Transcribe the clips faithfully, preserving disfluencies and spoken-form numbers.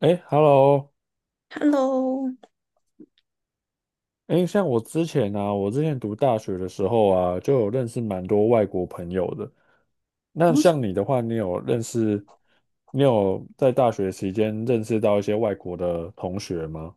哎，Hello，Hello。哎，像我之前啊，我之前读大学的时候啊，就有认识蛮多外国朋友的。那我像你的话，你有认识，你有在大学期间认识到一些外国的同学吗？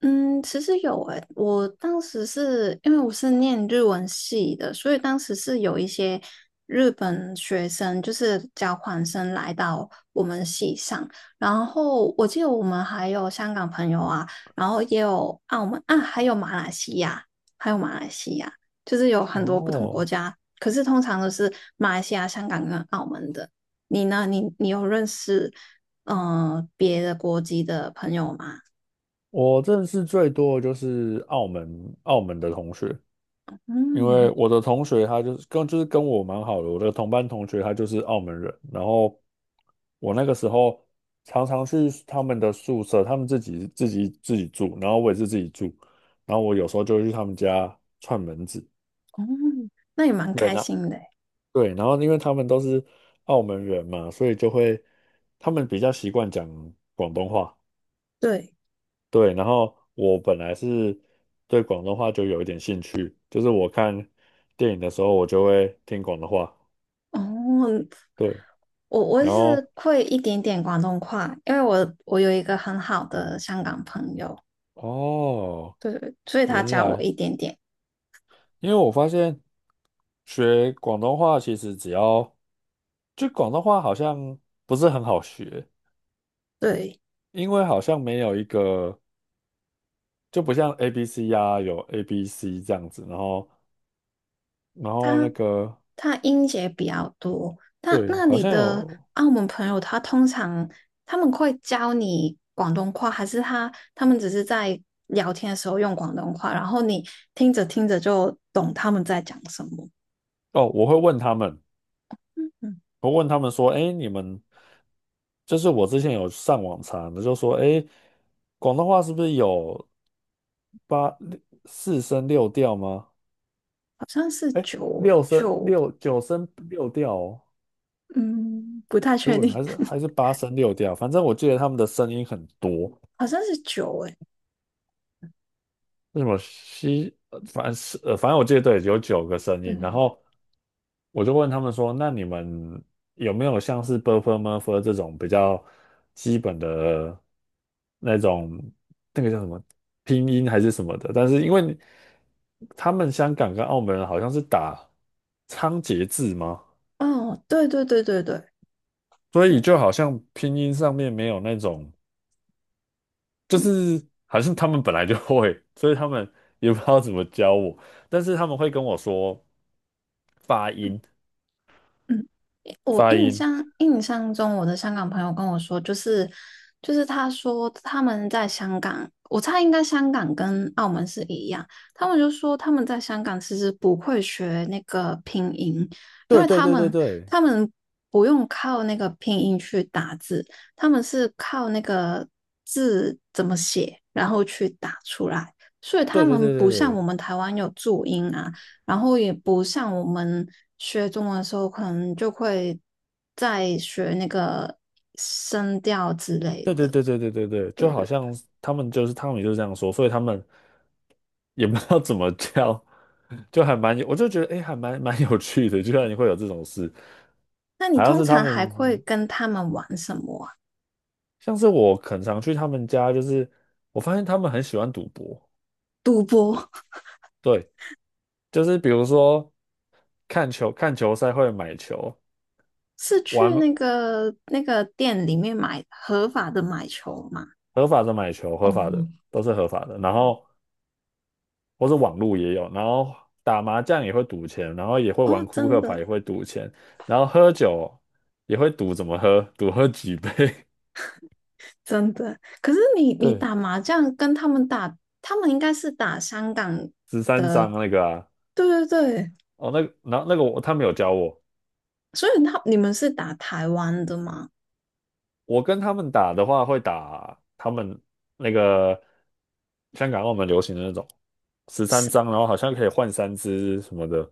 嗯，其实有诶，我当时是因为我是念日文系的，所以当时是有一些日本学生，就是交换生来到我们系上。然后我记得我们还有香港朋友啊，然后也有澳门啊，还有马来西亚，还有马来西亚，就是有很多不同国哦，家。可是通常都是马来西亚、香港跟澳门的。你呢？你你有认识嗯、呃别的国籍的朋友吗？我认识最多的就是澳门澳门的同学，因为嗯。我的同学他就是跟就是跟我蛮好的，我的同班同学他就是澳门人，然后我那个时候常常去他们的宿舍，他们自己自己自己住，然后我也是自己住，然后我有时候就会去他们家串门子。哦，那也蛮对，开那心的诶。对，然后因为他们都是澳门人嘛，所以就会他们比较习惯讲广东话。对，对，然后我本来是对广东话就有一点兴趣，就是我看电影的时候我就会听广东话。哦，对，我我然后是会一点点广东话，因为我我有一个很好的香港朋友，哦，对，所以他原教我来。一点点。因为我发现学广东话其实只要，就广东话好像不是很好学，对，因为好像没有一个，就不像 A B C 呀、有 A B C 这样子，然后然后那他个他音节比较多。他对，那好你像的有澳门朋友，他通常他们会教你广东话，还是他他们只是在聊天的时候用广东话，然后你听着听着就懂他们在讲什么？哦。我会问他们，嗯，我问他们说，哎，你们就是我之前有上网查的，就说，哎，广东话是不是有八六四声六调吗？好像是哎，九六声九。六九声六调哦，嗯，不太如确果定，还是 还是八声六调，反正我记得他们的声音很多。好像是酒诶。是什么西，呃反正是呃，反正我记得，对，有九个声对，音。然后我就问他们说："那你们有没有像是 buffer murphy 这种比较基本的那种那个叫什么拼音还是什么的？但是因为你他们香港跟澳门人好像是打仓颉字吗？哦，对对对对对所以对，就好像拼音上面没有那种，就嗯是好像他们本来就会，所以他们也不知道怎么教我。但是他们会跟我说。"发嗯音，嗯。我发印音，象印象中，我的香港朋友跟我说，就是就是他说他们在香港，我猜应该香港跟澳门是一样，他们就说他们在香港其实不会学那个拼音，因对为对他对对们对他们不用靠那个拼音去打字，他们是靠那个字怎么写，然后去打出来，所以他对对们对对不像我对们台湾有注音啊。然后也不像我们学中文的时候，可能就会在学那个声调之类对对的，对对对对对，对就不好对？像他们就是他米就是这样说，所以他们也不知道怎么叫，就还蛮有，我就觉得哎，诶还蛮蛮有趣的，居然会有这种事。那你好像通是他常还会们，跟他们玩什么啊？像是我很常去他们家，就是我发现他们很喜欢赌博。赌博。 对，就是比如说看球看球赛会买球。是去玩那个那个店里面买合法的买球吗？合法的买球，合哦，法的都是合法的。然后。或是网络也有，然后打麻将也会赌钱，然后也会玩哦，扑真克牌的也会赌钱，然后喝酒也会赌怎么喝，赌喝几杯。真的。可是你 你对，打麻将跟他们打，他们应该是打香港，十三张那个啊。对对对。哦，那个，然后那个我他们有教我，所以他你们是打台湾的吗？我跟他们打的话会打他们那个香港澳门流行的那种十三张，是然后好像可以换三只什么的。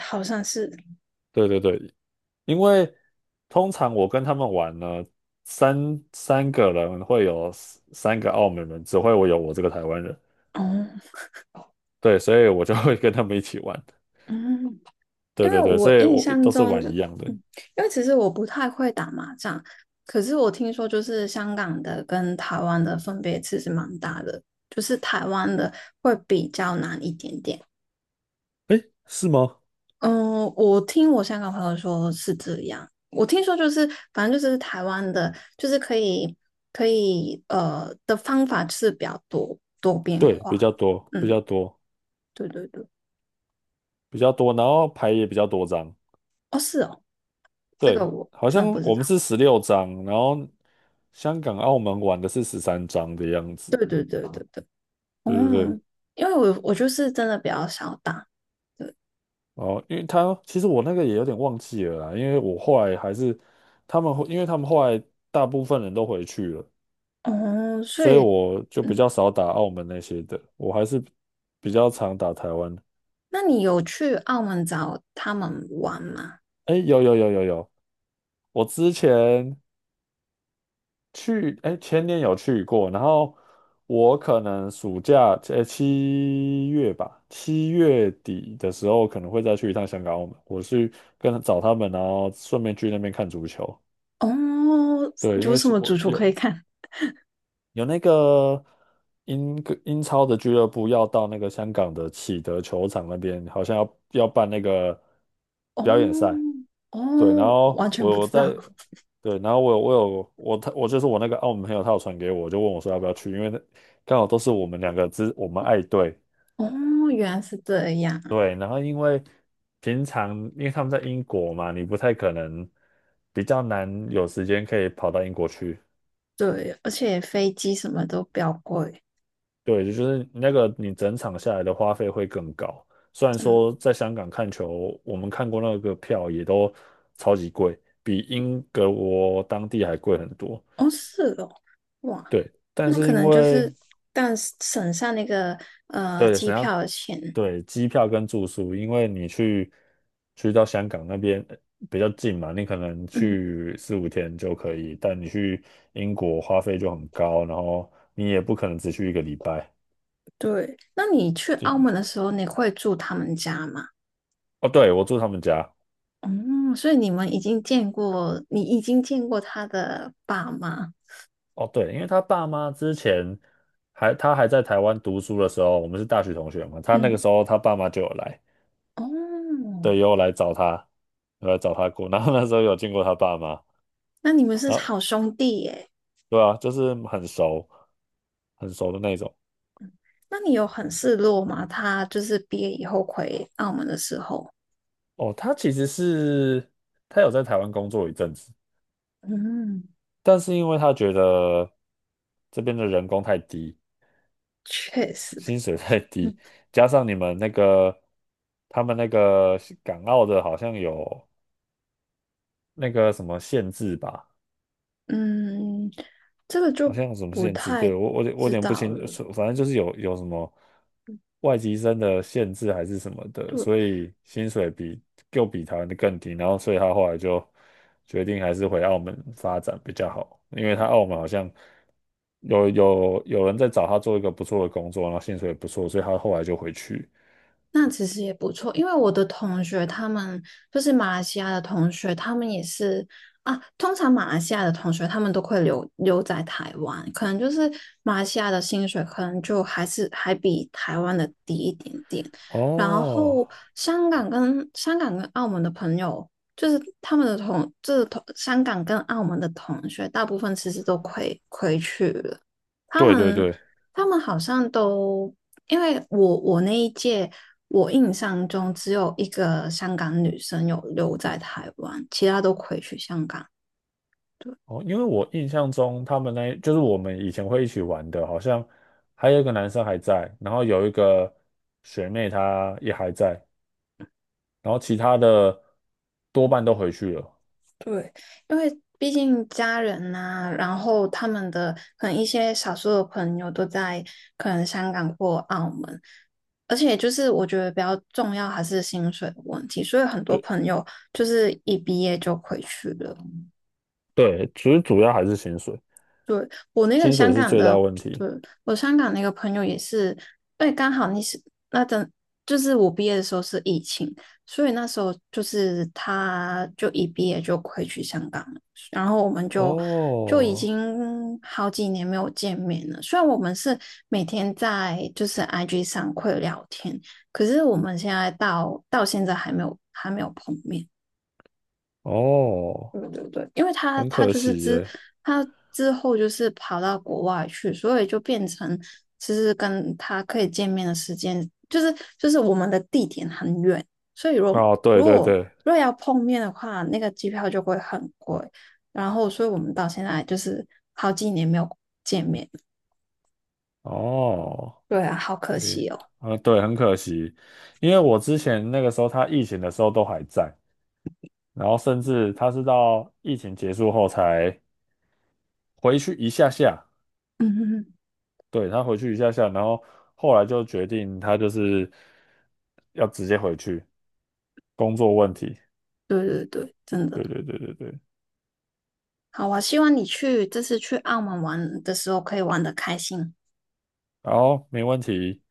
好像是，对对对，因为通常我跟他们玩呢，三三个人会有三三个澳门人，只会我有我这个台湾人。哦，对，所以我就会跟他们一起玩。嗯，对因为对对，所我以印我象都是中玩就，一样的。嗯，因为其实我不太会打麻将，可是我听说就是香港的跟台湾的分别其实蛮大的，就是台湾的会比较难一点点。诶，是吗？嗯，我听我香港朋友说是这样，我听说就是反正就是台湾的，就是可以可以呃的方法是比较多多变对，比化。较多，比嗯，较多，对对对，比较多，然后牌也比较多张。哦是哦，这个对，我好真的不像知我道。们是十六张，然后香港、澳门玩的是十三张的样子。对对对对对，对对对，哦，因为我我就是真的比较少打，哦，因为他其实我那个也有点忘记了啦。因为我后来还是他们后，因为他们后来大部分人都回去了，哦，所所以以，我就比嗯，较少打澳门那些的，我还是比较常打台湾。那你有去澳门找他们玩吗？哎，有有有有有，我之前去，哎，前年有去过。然后我可能暑假，哎，七月吧，七月底的时候可能会再去一趟香港、澳门，我去跟找他们，然后顺便去那边看足球。哦，对，因有为什是么我主厨可以有。看？有那个英格英超的俱乐部要到那个香港的启德球场那边，好像要要办那个 哦表演赛。对，然哦，后完全不我我知道，在对，然后我有我有我他我就是我那个澳门朋友，他有传给我，就问我说要不要去，因为那刚好都是我们两个之我们爱队。哦，原来是这样，对，然后因为平常因为他们在英国嘛，你不太可能比较难有时间可以跑到英国去。对，而且飞机什么都比较贵，对，就是那个你整场下来的花费会更高。虽然嗯，说在香港看球，我们看过那个票也都超级贵，比英国当地还贵很多。哦是哦，哇，对，但那是可因能就为是，但省下那个呃对，机想要票的钱，对机票跟住宿，因为你去去到香港那边呃比较近嘛，你可能嗯。去四五天就可以，但你去英国花费就很高，然后你也不可能只去一个礼拜。对，那你去就澳门的时候，你会住他们家吗？哦，对，我住他们家。嗯，所以你们已经见过，你已经见过他的爸妈。哦，对，因为他爸妈之前还他还在台湾读书的时候，我们是大学同学嘛，他那个嗯，时候他爸妈就有来，哦，对，也有来找他，有来找他过，然后那时候有见过他爸妈。那你们是然后好兄弟耶。对啊，就是很熟，很熟的那种。那你有很失落吗？他就是毕业以后回澳门的时候。哦，他其实是他有在台湾工作一阵子，嗯，但是因为他觉得这边的人工太低，确实。薪水太低，加上你们那个他们那个港澳的好像有那个什么限制吧。嗯，这个好就像有什么不限制，太对，我我有我有知点不道清了。楚，反正就是有有什么外籍生的限制还是什么的，对，所以薪水比又比台湾的更低，然后所以他后来就决定还是回澳门发展比较好，因为他澳门好像有有有人在找他做一个不错的工作，然后薪水也不错，所以他后来就回去。那其实也不错，因为我的同学他们就是马来西亚的同学，他们也是啊。通常马来西亚的同学他们都会留留在台湾，可能就是马来西亚的薪水可能就还是还比台湾的低一点点。然哦，后香港跟香港跟澳门的朋友，就是他们的同就是同香港跟澳门的同学，大部分其实都回回去了。他对对们对。他们好像都因为我我那一届，我印象中只有一个香港女生有留在台湾，其他都回去香港。哦，因为我印象中他们那就是我们以前会一起玩的，好像还有一个男生还在，然后有一个学妹她也还在，然后其他的多半都回去了。对，因为毕竟家人呐、然后他们的可能一些少数的朋友都在可能香港或澳门，而且就是我觉得比较重要还是薪水的问题，所以很多对朋友就是一毕业就回去了。对，其实主要还是薪水，对，我那个薪香水是港最大的，问题。对，我香港那个朋友也是，对，刚好你是那阵，就是我毕业的时候是疫情，所以那时候就是他就一毕业就回去香港了，然后我们就就已哦经好几年没有见面了。虽然我们是每天在就是 I G 上会聊天，可是我们现在到到现在还没有还没有碰面。哦，对对对，因为他很他可就是惜之耶。他之后就是跑到国外去，所以就变成其实跟他可以见面的时间，就是就是我们的地点很远，所以如哦，对如对果对，如果要碰面的话，那个机票就会很贵，然后所以我们到现在就是好几年没有见面，哦，对啊，好可对，惜哦。啊，对，很可惜，因为我之前那个时候他疫情的时候都还在。然后甚至他是到疫情结束后才回去一下下，嗯哼哼，对，他回去一下下，然后后来就决定他就是要直接回去工作问题。对对对，真的。对对对对对，好啊，希望你去这次去澳门玩的时候可以玩的开心。然后没问题。